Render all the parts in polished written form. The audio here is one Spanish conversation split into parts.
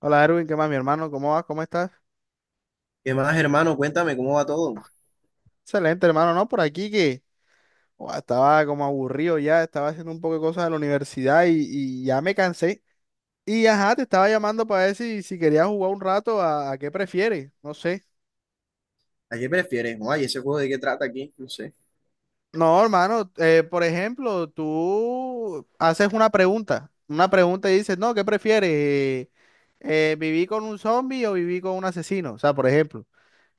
Hola Erwin, ¿qué más, mi hermano? ¿Cómo vas? ¿Cómo estás? ¿Qué más, hermano? Cuéntame cómo va todo. Excelente, hermano, ¿no? Por aquí que ua, estaba como aburrido ya, estaba haciendo un poco de cosas de la universidad y ya me cansé. Y ajá, te estaba llamando para ver si querías jugar un rato a qué prefieres, no sé. ¿A qué prefieres? Ay, ese juego de qué trata aquí, no sé. No, hermano, por ejemplo, tú haces una pregunta y dices, no, ¿qué prefieres? ¿Viví con un zombie o viví con un asesino? O sea, por ejemplo.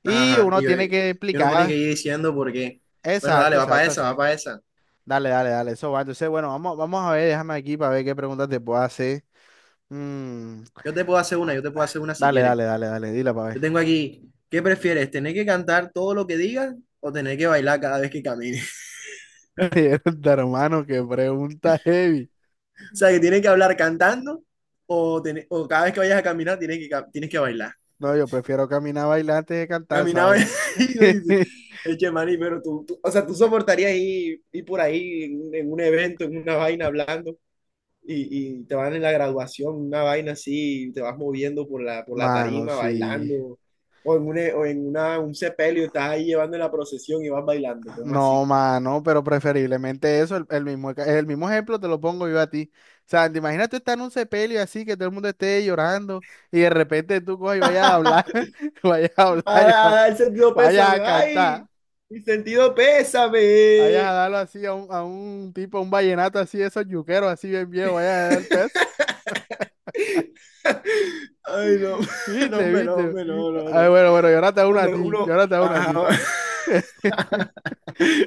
Y Ajá, y uno yo, tiene que yo no tenía que explicar, ir diciendo por qué. Bueno, exacto, dale, va para exacto, esa, así. va para esa. Dale, dale, dale, eso va. Entonces, bueno, vamos a ver, déjame aquí para ver qué preguntas te puedo hacer. Mm, Yo te puedo hacer una, yo te puedo hacer una si dale, quieres. dale, dale, dale, dila Yo para tengo aquí, ¿qué prefieres? ¿Tener que cantar todo lo que digas o tener que bailar cada vez que camines? ver. De hermano, qué pregunta heavy. O sea, que tienes que hablar cantando o o cada vez que vayas a caminar tienes que, tienes que bailar. No, yo prefiero caminar a bailar antes de cantar esa Caminaba vaina. y uno dice, eche maní, pero tú, o sea, tú soportarías ir por ahí en un evento, en una vaina hablando. Y te van en la graduación, una vaina así, y te vas moviendo por la Mano, tarima, sí. bailando, o en una, un sepelio, estás ahí llevando la procesión y vas bailando, ¿cómo No, así? mano, pero preferiblemente eso, el mismo ejemplo te lo pongo yo a ti. O sea, te imaginas tú estar en un sepelio así, que todo el mundo esté llorando y de repente tú coges y vayas a hablar, vayas a hablar Ahora, el sentido vayas pésame, a cantar. ay, mi sentido Vayas a pésame. darlo así a un, tipo, a un vallenato así, de esos yuqueros así bien viejo, vayas a dar el pez. Ay, no, no, Viste, hombre, no, viste. hombre, no, no, Ay, no. bueno, bueno, yo ahora te hago No, una a hombre, ti, yo uno, ahora te hago una a ti. ajá.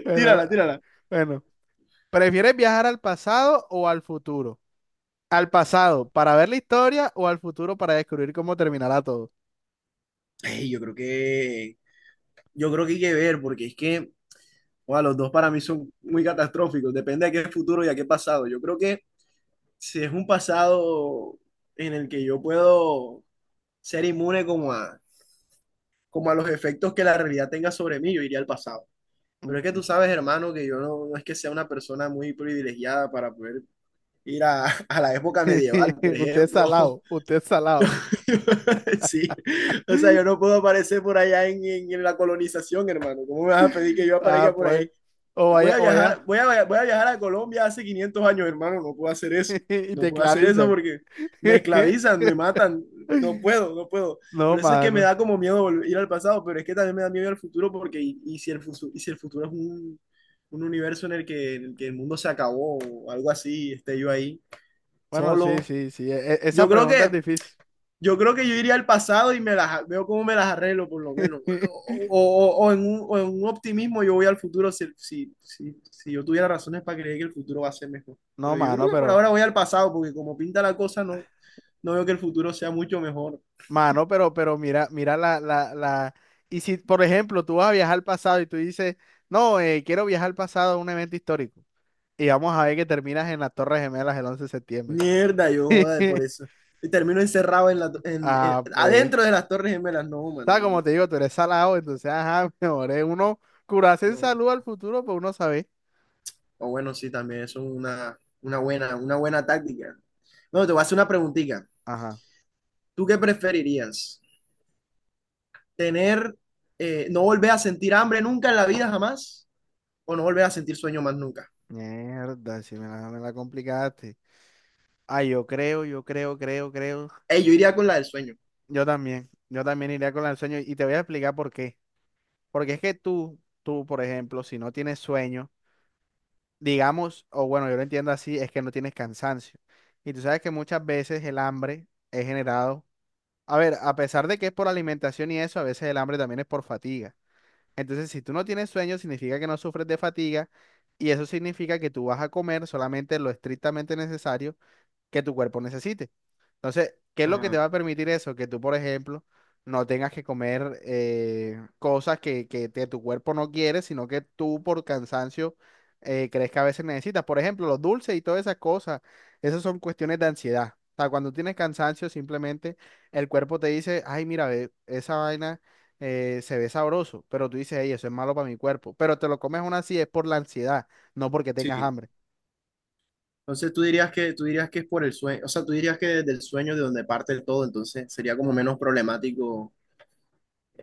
Bueno, Tírala, ahora- tírala. bueno. ¿Prefieres viajar al pasado o al futuro? ¿Al pasado para ver la historia o al futuro para descubrir cómo terminará todo? Ey, yo creo que hay que ver, porque es que wow, los dos para mí son muy catastróficos, depende de qué futuro y a qué pasado. Yo creo que si es un pasado en el que yo puedo ser inmune como a los efectos que la realidad tenga sobre mí, yo iría al pasado. Pero es que Mm. tú sabes, hermano, que yo no, no es que sea una persona muy privilegiada para poder ir a la época medieval, por Usted es ejemplo. salado, usted es salado. Sí, o sea, yo no puedo aparecer por allá en, en la colonización, hermano. ¿Cómo me vas a pedir que yo aparezca Ah, por pues. ahí? O vaya, Voy a viajar a Colombia hace 500 años, hermano, no puedo hacer eso. y No te puedo hacer eso clavizan. porque me esclavizan, me matan, no puedo, no puedo. No, Por eso es que me mano. da como miedo ir al pasado, pero es que también me da miedo ir al futuro porque y si el futuro es un universo en el que, el mundo se acabó o algo así, esté yo ahí Bueno, solo. sí, sí, sí. Esa Yo creo pregunta es que difícil. yo creo que yo iría al pasado y me las veo cómo me las arreglo, por lo menos. O en un optimismo yo voy al futuro si, si, si, si yo tuviera razones para creer que el futuro va a ser mejor. No, Pero yo mano, creo que por pero, ahora voy al pasado, porque como pinta la cosa, no, no veo que el futuro sea mucho mejor. mano, pero, pero mira la. Y si, por ejemplo, tú vas a viajar al pasado y tú dices, no, quiero viajar al pasado a un evento histórico. Y vamos a ver que terminas en las Torres Gemelas el 11 de septiembre. Mierda, yo joda por eso. Y termino encerrado en la, en, Ah, pues. adentro de las Torres Gemelas. No, Está como man. te digo, tú eres salado, entonces, ajá, mejor es uno curarse en No, no. salud al futuro, pues uno sabe. O bueno, sí, también eso es una buena táctica. Bueno, te voy a hacer una preguntita. Ajá. ¿Tú qué preferirías? Tener, no volver a sentir hambre nunca en la vida jamás, o no volver a sentir sueño más nunca. Mierda, si me la complicaste. Ah, yo creo. Yo iría con la del sueño. Yo también iría con el sueño y te voy a explicar por qué. Porque es que tú, por ejemplo, si no tienes sueño, digamos, o bueno, yo lo entiendo así, es que no tienes cansancio. Y tú sabes que muchas veces el hambre es generado, a ver, a pesar de que es por alimentación y eso, a veces el hambre también es por fatiga. Entonces, si tú no tienes sueño, significa que no sufres de fatiga y eso significa que tú vas a comer solamente lo estrictamente necesario que tu cuerpo necesite. Entonces, ¿qué es lo que te Ajá, va a permitir eso? Que tú, por ejemplo, no tengas que comer cosas que tu cuerpo no quiere, sino que tú por cansancio crees que a veces necesitas. Por ejemplo, los dulces y todas esas cosas, esas son cuestiones de ansiedad. O sea, cuando tienes cansancio, simplemente el cuerpo te dice, ay, mira, ve, esa vaina se ve sabroso, pero tú dices, ey, eso es malo para mi cuerpo. Pero te lo comes aún así, es por la ansiedad, no porque tengas sí. hambre. Entonces tú dirías que es por el sueño, o sea, tú dirías que desde el sueño de donde parte todo, entonces sería como menos problemático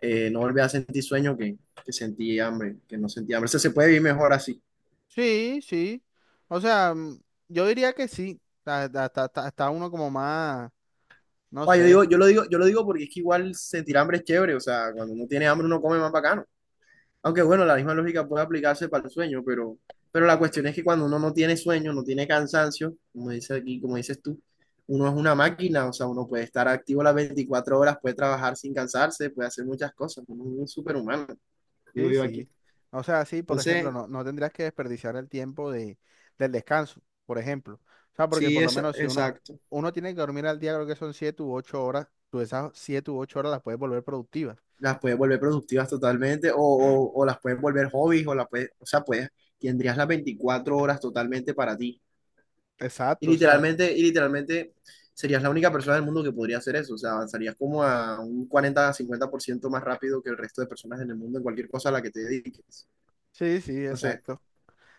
no volver a sentir sueño que sentir hambre, que no sentir hambre. O sea, se puede vivir mejor así. Sí, sí. O sea, yo diría que sí. Está uno como más, no Ah, yo sé. digo, yo lo digo, yo lo digo porque es que igual sentir hambre es chévere, o sea, cuando uno tiene hambre uno come más bacano. Aunque bueno, la misma lógica puede aplicarse para el sueño, pero la cuestión es que cuando uno no tiene sueño, no tiene cansancio, como dice aquí, como dices tú, uno es una máquina, o sea, uno puede estar activo las 24 horas, puede trabajar sin cansarse, puede hacer muchas cosas, uno es un superhumano, digo Sí, yo aquí. sí. O sea, sí, por ejemplo, Entonces, no tendrías que desperdiciar el tiempo del descanso, por ejemplo. O sea, porque sí, por lo es menos si uno, exacto. uno tiene que dormir al día, creo que son 7 u 8 horas, tú esas 7 u 8 horas las puedes volver productivas. Las puedes volver productivas totalmente, o las puedes volver hobbies, o las puedes, o sea, puedes, tendrías las 24 horas totalmente para ti. Exacto, o sea. Y literalmente serías la única persona del mundo que podría hacer eso. O sea, avanzarías como a un 40 50% más rápido que el resto de personas en el mundo en cualquier cosa a la que te dediques. Sí, sí, No sé, exacto.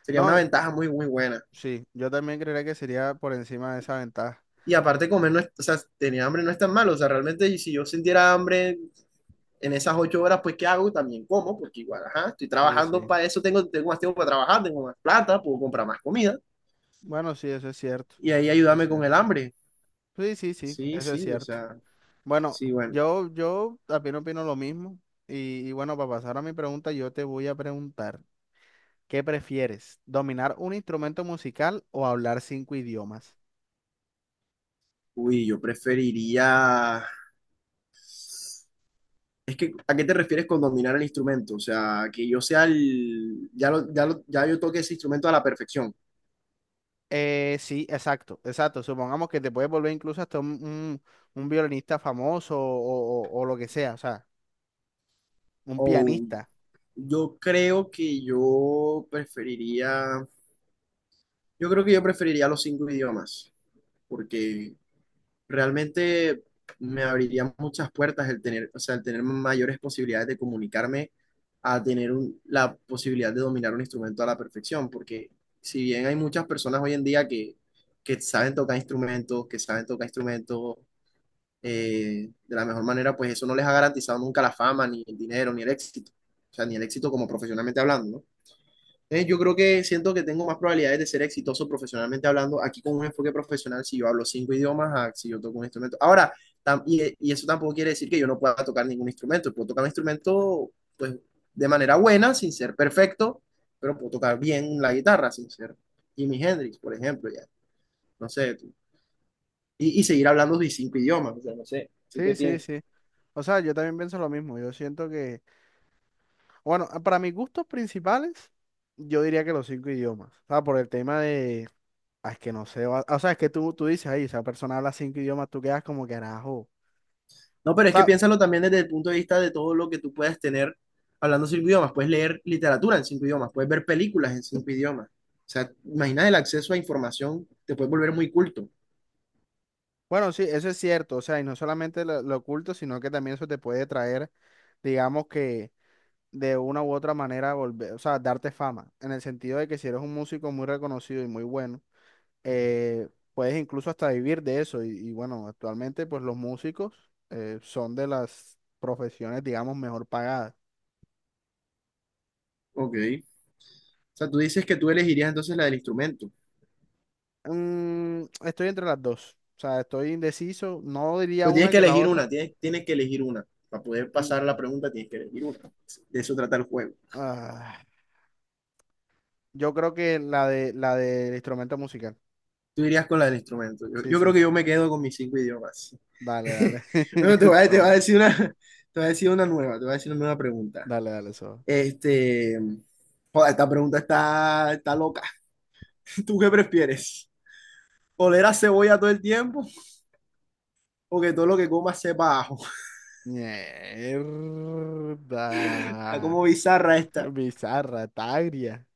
sería No, una ventaja muy, muy buena. sí, yo también creería que sería por encima de esa ventaja. Y aparte comer, no es- o sea, tener hambre no es tan malo. O sea, realmente y si yo sintiera hambre en esas 8 horas, pues ¿qué hago? También como, porque igual, ajá, estoy Sí, trabajando sí. para eso, tengo más tiempo para trabajar, tengo más plata, puedo comprar más comida. Bueno, sí, eso es cierto. Y ahí Eso es ayúdame con cierto. el hambre. Sí, sí, sí, Sí, eso es sí, o cierto. sea, Bueno, sí, bueno. yo también opino lo mismo. Y bueno, para pasar a mi pregunta, yo te voy a preguntar, ¿qué prefieres? ¿Dominar un instrumento musical o hablar cinco idiomas? Uy, yo preferiría. Es que, ¿a qué te refieres con dominar el instrumento? O sea, que yo sea el, ya yo toque ese instrumento a la perfección. Sí, exacto, exacto. Supongamos que te puedes volver incluso hasta un violinista famoso o lo que sea, o sea, un O pianista. yo creo que yo preferiría, yo creo que yo preferiría los cinco idiomas, porque realmente me abriría muchas puertas el tener, o sea, el tener mayores posibilidades de comunicarme a tener la posibilidad de dominar un instrumento a la perfección, porque si bien hay muchas personas hoy en día que saben tocar instrumentos, que saben tocar instrumentos, de la mejor manera, pues eso no les ha garantizado nunca la fama, ni el dinero, ni el éxito. O sea, ni el éxito como profesionalmente hablando, ¿no? Entonces, yo creo que siento que tengo más probabilidades de ser exitoso profesionalmente hablando aquí con un enfoque profesional si yo hablo cinco idiomas, a si yo toco un instrumento. Ahora, y, eso tampoco quiere decir que yo no pueda tocar ningún instrumento. Puedo tocar un instrumento, pues, de manera buena, sin ser perfecto, pero puedo tocar bien la guitarra, sin ser Jimi Hendrix, por ejemplo, ya. No sé, tú. Y, seguir hablando de cinco idiomas, o sea, no sé. ¿Tú qué Sí, sí, piensas? sí. O sea, yo también pienso lo mismo. Yo siento que, bueno, para mis gustos principales, yo diría que los cinco idiomas. O sea, por el tema de... Ah, es que no sé, o sea, es que tú dices, ahí, esa persona habla cinco idiomas, tú quedas como que carajo. No, pero O es que sea, piénsalo también desde el punto de vista de todo lo que tú puedas tener hablando cinco idiomas. Puedes leer literatura en cinco idiomas, puedes ver películas en cinco idiomas. O sea, imagina el acceso a información, te puedes volver muy culto. bueno, sí, eso es cierto, o sea, y no solamente lo oculto, sino que también eso te puede traer, digamos que de una u otra manera volver, o sea, darte fama, en el sentido de que si eres un músico muy reconocido y muy bueno, eh, puedes incluso hasta vivir de eso, y bueno, actualmente pues los músicos son de las profesiones, digamos, mejor pagadas. Ok. O sea, tú dices que tú elegirías entonces la del instrumento. Estoy entre las dos. O sea, estoy indeciso. No diría Pero tienes una que que la elegir otra. una, tienes que elegir una. Para poder Mm, pasar la pregunta, tienes que elegir una. De eso trata el juego. ah, yo creo que la de la del instrumento musical. Tú irías con la del instrumento. Sí, Yo creo sí, que sí. yo me quedo con mis cinco idiomas. Dale, dale. Bueno, Eso te voy a va. decir una, te voy a decir una nueva pregunta. Dale, dale, eso va. Este, joder, esta pregunta está loca. ¿Tú qué prefieres? ¿Oler a cebolla todo el tiempo o que todo lo que comas sepa a ajo? Está Mierda. como bizarra esta. Bizarra, tagria.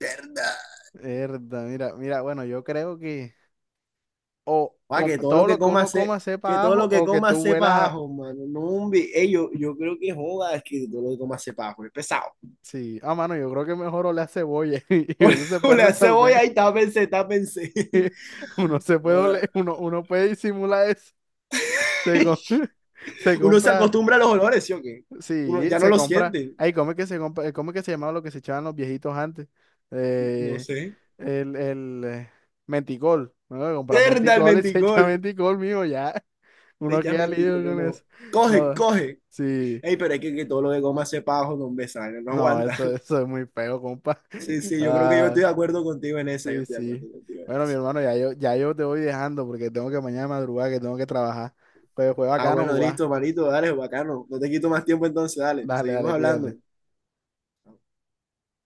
Mierda. Mierda, mira, mira, bueno, yo creo que o Pa, todo lo que uno coma sepa que a todo ajo lo que o que tú comas sepa huelas a a... ajo, mano. No, hombre. Ey, yo creo que joda, es que todo lo que comas sepa a ajo. Es pesado. Sí, ah, mano, yo creo que mejor oler a cebolla y eso se puede Oler a resolver. cebolla y tápense, tápense. Uno se puede, Joda. ole- uno, uno puede disimular eso. Se, co- Se Uno se compra, acostumbra a los olores, ¿sí o qué? Uno sí, ya no se lo compra. siente. Ay, ¿cómo es que se compra? ¿Cómo es que se llamaba lo que se echaban los viejitos antes? No Eh, sé. el menticol. Bueno, compra Mierda, el menticol y se echa menticol. menticol, mío, ya. De Uno ya queda mentico, libre no, con no. eso. Coge, No, coge. sí. Ey, pero hay que todo lo de goma se pajo, no hombre, esa vaina no No, aguanta. eso, eso es muy feo, compa. Sí, sí, yo creo que yo estoy Ah. de acuerdo contigo en esa, yo Sí, estoy de sí. acuerdo contigo en Bueno, mi esa. hermano, ya yo te voy dejando porque tengo que mañana madrugar, que tengo que trabajar. Pues fue Ah, bacano bueno, jugar. listo, manito, dale, bacano. No te quito más tiempo entonces, dale, Dale, seguimos dale, hablando. cuídate.